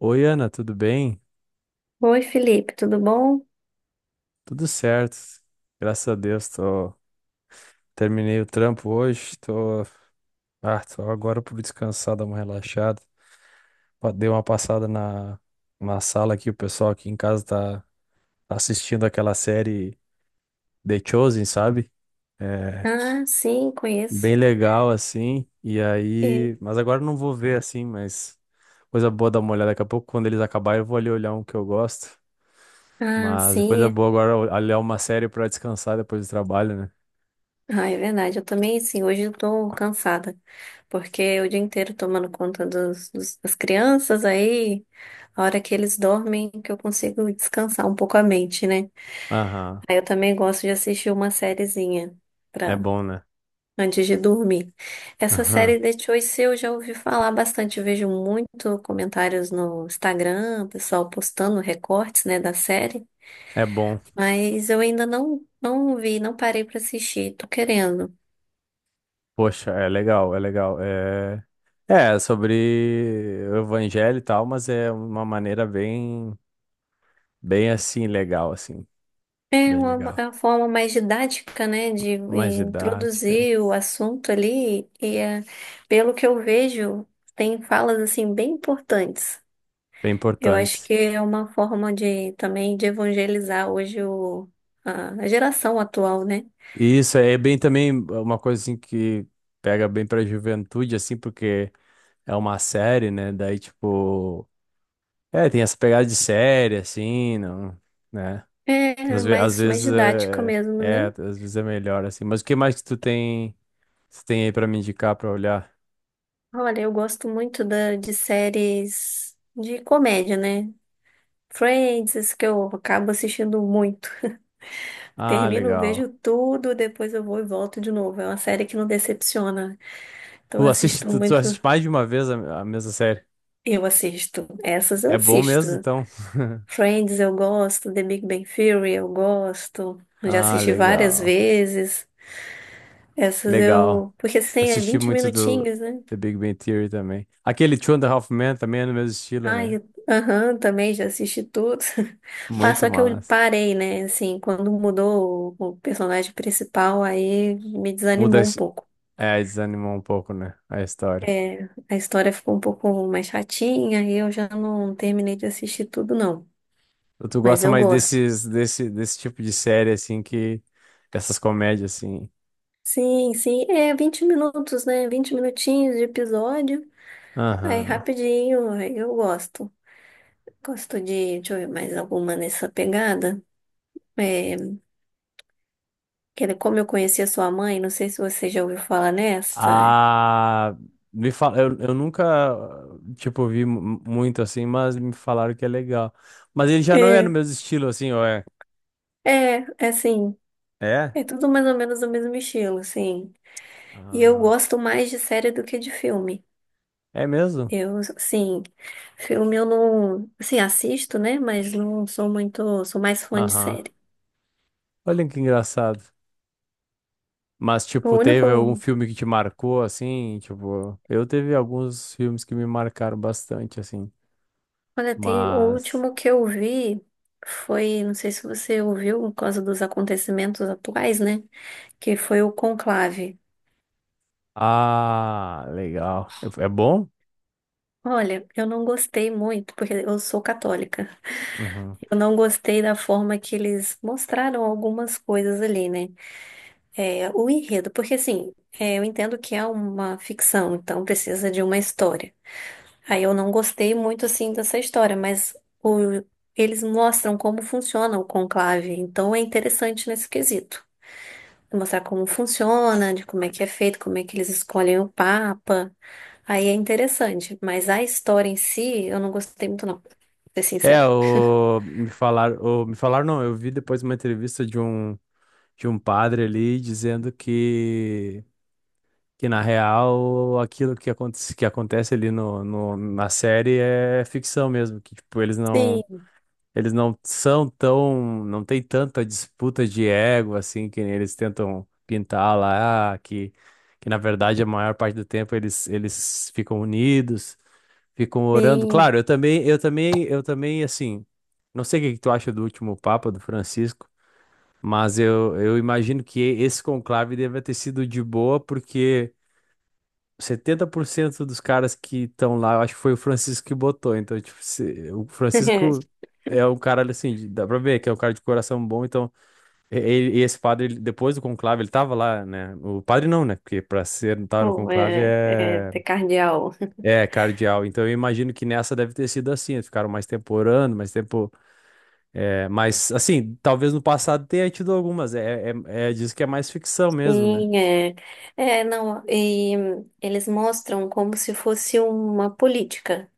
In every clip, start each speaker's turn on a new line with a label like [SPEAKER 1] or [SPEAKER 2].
[SPEAKER 1] Oi, Ana, tudo bem?
[SPEAKER 2] Oi, Felipe, tudo bom?
[SPEAKER 1] Tudo certo. Graças a Deus, tô... terminei o trampo hoje, tô agora por descansar, dar uma relaxada. Dei uma passada na sala aqui, o pessoal aqui em casa tá assistindo aquela série The Chosen, sabe? É
[SPEAKER 2] Ah, sim, conheço.
[SPEAKER 1] bem legal, assim, e
[SPEAKER 2] E-
[SPEAKER 1] aí... Mas agora eu não vou ver, assim, mas coisa boa dar uma olhada. Daqui a pouco, quando eles acabarem, eu vou ali olhar um que eu gosto.
[SPEAKER 2] Ah,
[SPEAKER 1] Mas coisa
[SPEAKER 2] sim.
[SPEAKER 1] boa agora olhar uma série pra descansar depois do trabalho, né?
[SPEAKER 2] Ah, é verdade. Eu também, sim. Hoje eu tô cansada, porque é o dia inteiro tomando conta das crianças, aí a hora que eles dormem que eu consigo descansar um pouco a mente, né?
[SPEAKER 1] Aham,
[SPEAKER 2] Aí eu também gosto de assistir uma sériezinha
[SPEAKER 1] é
[SPEAKER 2] pra,
[SPEAKER 1] bom, né?
[SPEAKER 2] antes de dormir. Essa
[SPEAKER 1] Aham,
[SPEAKER 2] série The Choice eu já ouvi falar bastante. Eu vejo muito comentários no Instagram, o pessoal postando recortes, né, da série.
[SPEAKER 1] é bom.
[SPEAKER 2] Mas eu ainda não, não vi, não parei pra assistir. Tô querendo.
[SPEAKER 1] Poxa, é legal, é legal. É, é sobre o evangelho e tal, mas é uma maneira bem, bem assim, legal, assim,
[SPEAKER 2] É
[SPEAKER 1] bem
[SPEAKER 2] uma, é
[SPEAKER 1] legal.
[SPEAKER 2] uma forma mais didática, né, de
[SPEAKER 1] Mais didática,
[SPEAKER 2] introduzir
[SPEAKER 1] é
[SPEAKER 2] o assunto ali. E é, pelo que eu vejo, tem falas assim bem importantes.
[SPEAKER 1] bem
[SPEAKER 2] Eu acho
[SPEAKER 1] importante.
[SPEAKER 2] que é uma forma de também de evangelizar hoje a geração atual, né?
[SPEAKER 1] E isso é bem também uma coisa assim que pega bem pra juventude, assim, porque é uma série, né? Daí, tipo, é, tem essa pegada de série, assim, não, né?
[SPEAKER 2] É
[SPEAKER 1] Às
[SPEAKER 2] mais
[SPEAKER 1] vezes
[SPEAKER 2] didática mesmo, né?
[SPEAKER 1] às vezes é melhor assim. Mas o que mais que tu tem aí pra me indicar pra olhar?
[SPEAKER 2] Olha, eu gosto muito de séries de comédia, né? Friends, isso que eu acabo assistindo muito.
[SPEAKER 1] Ah,
[SPEAKER 2] Termino,
[SPEAKER 1] legal.
[SPEAKER 2] vejo tudo, depois eu vou e volto de novo. É uma série que não decepciona. Então
[SPEAKER 1] Tu
[SPEAKER 2] eu
[SPEAKER 1] assiste,
[SPEAKER 2] assisto
[SPEAKER 1] tu, tu
[SPEAKER 2] muito.
[SPEAKER 1] assiste mais de uma vez a mesma série.
[SPEAKER 2] Eu assisto. Essas eu
[SPEAKER 1] É bom mesmo,
[SPEAKER 2] assisto.
[SPEAKER 1] então.
[SPEAKER 2] Friends eu gosto, The Big Bang Theory eu gosto. Eu já
[SPEAKER 1] Ah,
[SPEAKER 2] assisti várias
[SPEAKER 1] legal.
[SPEAKER 2] vezes. Essas
[SPEAKER 1] Legal.
[SPEAKER 2] eu. Porque assim, é
[SPEAKER 1] Assisti
[SPEAKER 2] 20
[SPEAKER 1] muito do
[SPEAKER 2] minutinhos, né?
[SPEAKER 1] The Big Bang Theory também. Aquele Two and a Half Men também é no mesmo estilo,
[SPEAKER 2] Ai,
[SPEAKER 1] né?
[SPEAKER 2] aham, também já assisti tudo. Pá,
[SPEAKER 1] Muito
[SPEAKER 2] só que eu
[SPEAKER 1] massa.
[SPEAKER 2] parei, né? Assim, quando mudou o personagem principal, aí me
[SPEAKER 1] Muda,
[SPEAKER 2] desanimou um pouco.
[SPEAKER 1] a é, desanimou um pouco, né? A história.
[SPEAKER 2] É, a história ficou um pouco mais chatinha e eu já não terminei de assistir tudo, não.
[SPEAKER 1] Tu
[SPEAKER 2] Mas
[SPEAKER 1] gosta
[SPEAKER 2] eu
[SPEAKER 1] mais
[SPEAKER 2] gosto.
[SPEAKER 1] desse tipo de série, assim, que... Essas comédias, assim.
[SPEAKER 2] Sim, sim, é 20 minutos, né? 20 minutinhos de episódio. Aí
[SPEAKER 1] Aham.
[SPEAKER 2] rapidinho, aí eu gosto. Gosto deixa eu ver mais alguma nessa pegada. É, que era como eu conheci a sua mãe, não sei se você já ouviu falar nessa.
[SPEAKER 1] Ah, me eu nunca, tipo, vi muito, assim, mas me falaram que é legal. Mas ele já não é no
[SPEAKER 2] É,
[SPEAKER 1] mesmo estilo, assim, ou é?
[SPEAKER 2] é assim,
[SPEAKER 1] É?
[SPEAKER 2] é tudo mais ou menos do mesmo estilo, assim. E eu
[SPEAKER 1] Ah,
[SPEAKER 2] gosto mais de série do que de filme.
[SPEAKER 1] é mesmo?
[SPEAKER 2] Eu, sim, filme eu não, assim, assisto, né? Mas não sou muito, sou mais fã de
[SPEAKER 1] Aham.
[SPEAKER 2] série.
[SPEAKER 1] Olha que engraçado. Mas,
[SPEAKER 2] O
[SPEAKER 1] tipo,
[SPEAKER 2] único,
[SPEAKER 1] teve algum filme que te marcou, assim? Tipo, eu teve alguns filmes que me marcaram bastante, assim.
[SPEAKER 2] olha, tem, o
[SPEAKER 1] Mas...
[SPEAKER 2] último que eu vi foi, não sei se você ouviu, por causa dos acontecimentos atuais, né? Que foi o Conclave.
[SPEAKER 1] Ah, legal. É é bom?
[SPEAKER 2] Olha, eu não gostei muito, porque eu sou católica.
[SPEAKER 1] Uhum.
[SPEAKER 2] Eu não gostei da forma que eles mostraram algumas coisas ali, né? É, o enredo, porque assim, é, eu entendo que é uma ficção, então precisa de uma história. Aí eu não gostei muito assim dessa história, mas o- eles mostram como funciona o conclave, então é interessante nesse quesito. Mostrar como funciona, de como é que é feito, como é que eles escolhem o papa. Aí é interessante, mas a história em si eu não gostei muito não, pra ser sincera.
[SPEAKER 1] Me falaram não, eu vi depois uma entrevista de um padre ali dizendo que na real aquilo que acontece ali no, no, na série é ficção mesmo, que tipo,
[SPEAKER 2] Sim,
[SPEAKER 1] eles não são tão, não tem tanta disputa de ego assim que nem eles tentam pintar lá, ah, que na verdade a maior parte do tempo eles ficam unidos. Ficam orando.
[SPEAKER 2] sim.
[SPEAKER 1] Claro, eu também, assim, não sei o que que tu acha do último Papa, do Francisco, mas eu imagino que esse conclave deve ter sido de boa, porque 70% dos caras que estão lá, eu acho que foi o Francisco que botou. Então, tipo, o Francisco é um cara, assim, dá pra ver que é um cara de coração bom. Então, e esse padre, depois do conclave, ele tava lá, né? O padre não, né? Porque pra ser, estar no
[SPEAKER 2] Pô,
[SPEAKER 1] conclave é.
[SPEAKER 2] ter cardeal.
[SPEAKER 1] É, cardeal. Então eu imagino que nessa deve ter sido assim. Eles ficaram mais tempo orando, mais tempo. É, mas, assim, talvez no passado tenha tido algumas. É, diz que é mais ficção mesmo, né?
[SPEAKER 2] Sim, é. É, não, e eles mostram como se fosse uma política.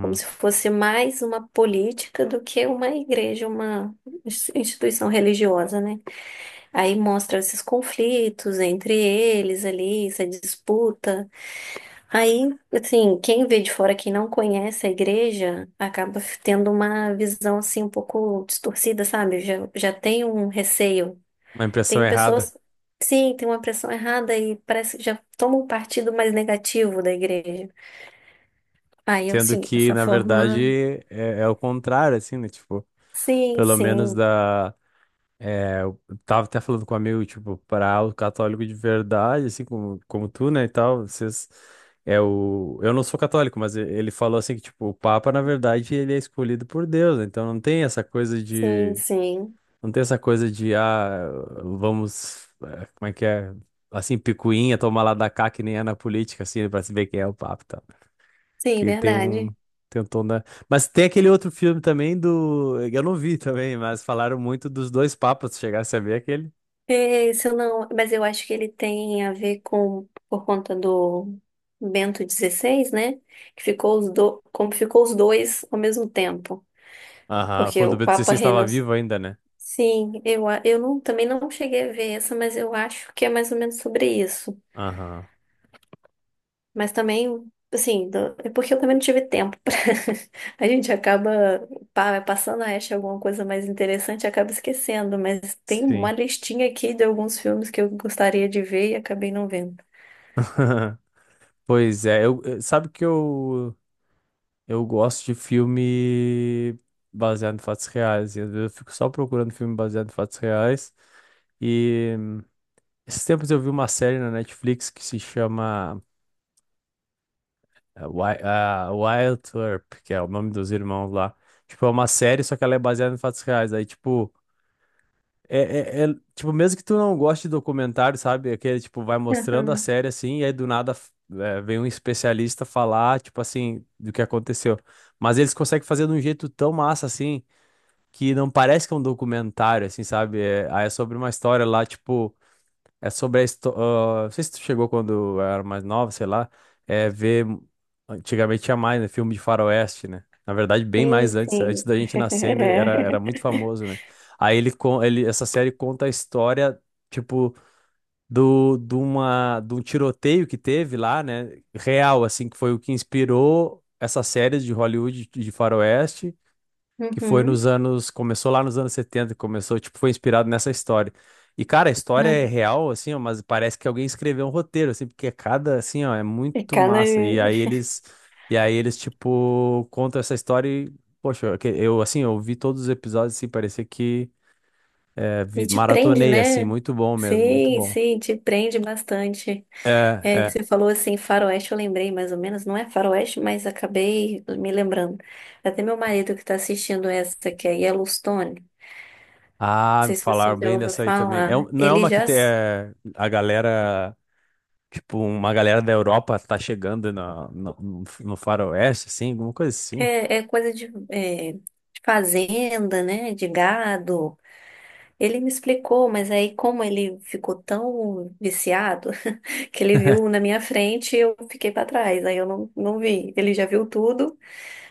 [SPEAKER 2] Como se fosse mais uma política do que uma igreja, uma instituição religiosa, né? Aí mostra esses conflitos entre eles ali, essa disputa. Aí, assim, quem vê de fora, quem não conhece a igreja, acaba tendo uma visão assim um pouco distorcida, sabe? Já tem um receio.
[SPEAKER 1] Uma impressão
[SPEAKER 2] Tem
[SPEAKER 1] errada.
[SPEAKER 2] pessoas, sim, tem uma pressão errada e parece que já toma um partido mais negativo da igreja. Aí,
[SPEAKER 1] Sendo
[SPEAKER 2] assim,
[SPEAKER 1] que,
[SPEAKER 2] essa
[SPEAKER 1] na
[SPEAKER 2] forma.
[SPEAKER 1] verdade, é o contrário, assim, né? Tipo,
[SPEAKER 2] Sim,
[SPEAKER 1] pelo menos
[SPEAKER 2] sim.
[SPEAKER 1] da. É, eu tava até falando com um amigo, tipo, para o católico de verdade, assim como, como tu, né, e tal, vocês é o eu não sou católico, mas ele falou assim que tipo, o Papa, na verdade, ele é escolhido por Deus, né? Então não tem essa coisa
[SPEAKER 2] Sim,
[SPEAKER 1] de
[SPEAKER 2] sim.
[SPEAKER 1] não tem essa coisa de ah, vamos, como é que é? Assim, picuinha, tomar lá da cá que nem é na política assim, pra se ver quem é o Papa, e tal.
[SPEAKER 2] Sim,
[SPEAKER 1] Que
[SPEAKER 2] verdade.
[SPEAKER 1] tem um tom da mas tem aquele outro filme também do. Eu não vi também, mas falaram muito dos dois papas. Se chegasse a ver aquele.
[SPEAKER 2] É, se eu não, mas eu acho que ele tem a ver com, por conta do Bento XVI, né? Que ficou os como ficou os dois ao mesmo tempo.
[SPEAKER 1] Aham,
[SPEAKER 2] Porque
[SPEAKER 1] quando o
[SPEAKER 2] o Papa
[SPEAKER 1] B16 estava
[SPEAKER 2] renunci...
[SPEAKER 1] vivo ainda, né?
[SPEAKER 2] Sim, eu não, também não cheguei a ver essa, mas eu acho que é mais ou menos sobre isso.
[SPEAKER 1] Aham,
[SPEAKER 2] Mas também, assim, é porque eu também não tive tempo pra... A gente acaba passando a acha alguma coisa mais interessante, e acaba esquecendo, mas tem uma
[SPEAKER 1] sim.
[SPEAKER 2] listinha aqui de alguns filmes que eu gostaria de ver e acabei não vendo.
[SPEAKER 1] Sabe que eu gosto de filme baseado em fatos reais, e às vezes eu fico só procurando filme baseado em fatos reais, e esses tempos eu vi uma série na Netflix que se chama Wild Earp, que é o nome dos irmãos lá. Tipo, é uma série, só que ela é baseada em fatos reais, aí tipo... É, tipo, mesmo que tu não goste de documentário, sabe? Aquele, tipo, vai mostrando a
[SPEAKER 2] Aham.
[SPEAKER 1] série assim, e aí do nada é, vem um especialista falar, tipo assim, do que aconteceu. Mas eles conseguem fazer de um jeito tão massa assim, que não parece que é um documentário, assim, sabe? É, aí é sobre uma história lá, tipo. É sobre a história. Não sei se tu chegou quando eu era mais nova, sei lá. É ver. Antigamente tinha mais, né? Filme de faroeste, né? Na verdade, bem
[SPEAKER 2] Sim,
[SPEAKER 1] mais antes. Antes
[SPEAKER 2] sim.
[SPEAKER 1] da gente nascer, ainda era muito famoso, né? Aí ele, essa série conta a história, tipo, de um tiroteio que teve lá, né? Real, assim, que foi o que inspirou essa série de Hollywood de faroeste que foi nos
[SPEAKER 2] Uhum.
[SPEAKER 1] anos, começou lá nos anos 70, começou, tipo, foi inspirado nessa história. E, cara, a história é
[SPEAKER 2] Uhum.
[SPEAKER 1] real, assim, ó, mas parece que alguém escreveu um roteiro, assim, porque cada, assim, ó, é
[SPEAKER 2] E
[SPEAKER 1] muito
[SPEAKER 2] cada...
[SPEAKER 1] massa. E aí eles, tipo, contam essa história e, poxa, eu, assim, eu vi todos os episódios, assim, parecia que é,
[SPEAKER 2] E
[SPEAKER 1] vi,
[SPEAKER 2] te prende,
[SPEAKER 1] maratonei, assim,
[SPEAKER 2] né?
[SPEAKER 1] muito bom mesmo, muito
[SPEAKER 2] Sim,
[SPEAKER 1] bom.
[SPEAKER 2] sim, te prende bastante.
[SPEAKER 1] É,
[SPEAKER 2] É,
[SPEAKER 1] é.
[SPEAKER 2] você falou assim, faroeste, eu lembrei mais ou menos, não é faroeste, mas acabei me lembrando. Até meu marido que está assistindo essa, que é Yellowstone, não
[SPEAKER 1] Ah,
[SPEAKER 2] sei se você
[SPEAKER 1] falaram
[SPEAKER 2] já
[SPEAKER 1] bem
[SPEAKER 2] ouviu
[SPEAKER 1] dessa aí também. É,
[SPEAKER 2] falar,
[SPEAKER 1] não é
[SPEAKER 2] ele
[SPEAKER 1] uma que
[SPEAKER 2] já
[SPEAKER 1] tem, é, a galera tipo, uma galera da Europa tá chegando no faroeste, assim, alguma coisa assim.
[SPEAKER 2] é coisa de fazenda, né, de gado. Ele me explicou, mas aí como ele ficou tão viciado, que ele viu na minha frente e eu fiquei para trás, aí eu não, não vi. Ele já viu tudo.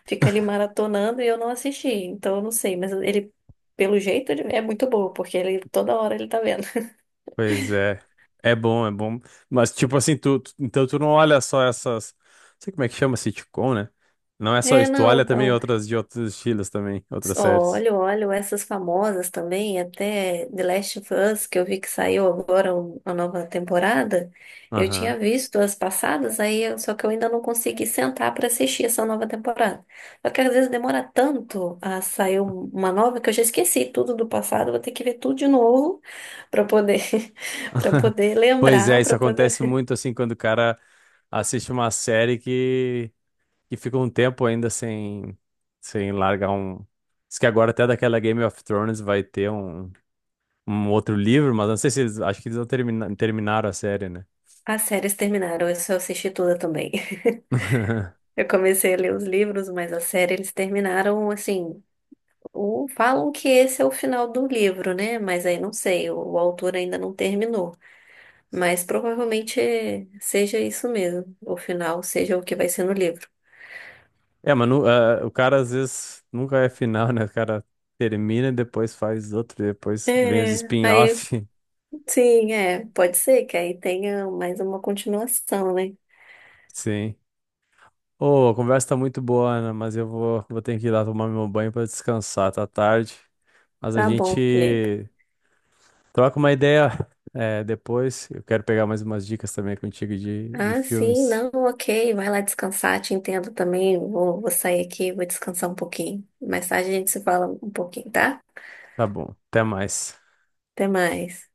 [SPEAKER 2] Fica ali maratonando e eu não assisti, então eu não sei, mas ele, pelo jeito, ele é muito bom, porque ele toda hora ele tá vendo.
[SPEAKER 1] Pois é. É bom, é bom. Mas, tipo assim, então tu não olha só essas. Não sei como é que chama sitcom, né? Não é só
[SPEAKER 2] É,
[SPEAKER 1] isso, tu
[SPEAKER 2] não,
[SPEAKER 1] olha também
[SPEAKER 2] então.
[SPEAKER 1] outras de outros estilos também, outras séries.
[SPEAKER 2] Olho, olho, essas famosas também, até The Last of Us, que eu vi que saiu agora a nova temporada. Eu
[SPEAKER 1] Aham.
[SPEAKER 2] tinha visto as passadas, aí só que eu ainda não consegui sentar para assistir essa nova temporada. Só que às vezes demora tanto a sair uma nova que eu já esqueci tudo do passado, vou ter que ver tudo de novo para poder para poder lembrar,
[SPEAKER 1] Isso
[SPEAKER 2] para
[SPEAKER 1] acontece
[SPEAKER 2] poder.
[SPEAKER 1] muito assim quando o cara assiste uma série que fica um tempo ainda sem, sem largar um. Diz que agora até daquela Game of Thrones vai ter um outro livro, mas não sei se eles, acho que eles não termina- terminaram a série, né?
[SPEAKER 2] As séries terminaram, eu só assisti toda também. Eu comecei a ler os livros, mas a série eles terminaram assim. Ou falam que esse é o final do livro, né? Mas aí não sei, o autor ainda não terminou. Mas provavelmente seja isso mesmo, o final seja o que vai ser no livro.
[SPEAKER 1] É, mas o cara às vezes nunca é final, né? O cara termina e depois faz outro, depois vem os
[SPEAKER 2] É, aí
[SPEAKER 1] spin-off.
[SPEAKER 2] sim, é, pode ser que aí tenha mais uma continuação, né?
[SPEAKER 1] Sim. Ô, a conversa tá muito boa, Ana, mas vou ter que ir lá tomar meu banho pra descansar, tá tarde. Mas a
[SPEAKER 2] Tá bom, Felipe.
[SPEAKER 1] gente troca uma ideia, depois. Eu quero pegar mais umas dicas também contigo de
[SPEAKER 2] Ah, sim,
[SPEAKER 1] filmes.
[SPEAKER 2] não, ok, vai lá descansar, te entendo também. Vou sair aqui, vou descansar um pouquinho. Mais tarde a gente se fala um pouquinho, tá?
[SPEAKER 1] Tá bom, até mais.
[SPEAKER 2] Até mais.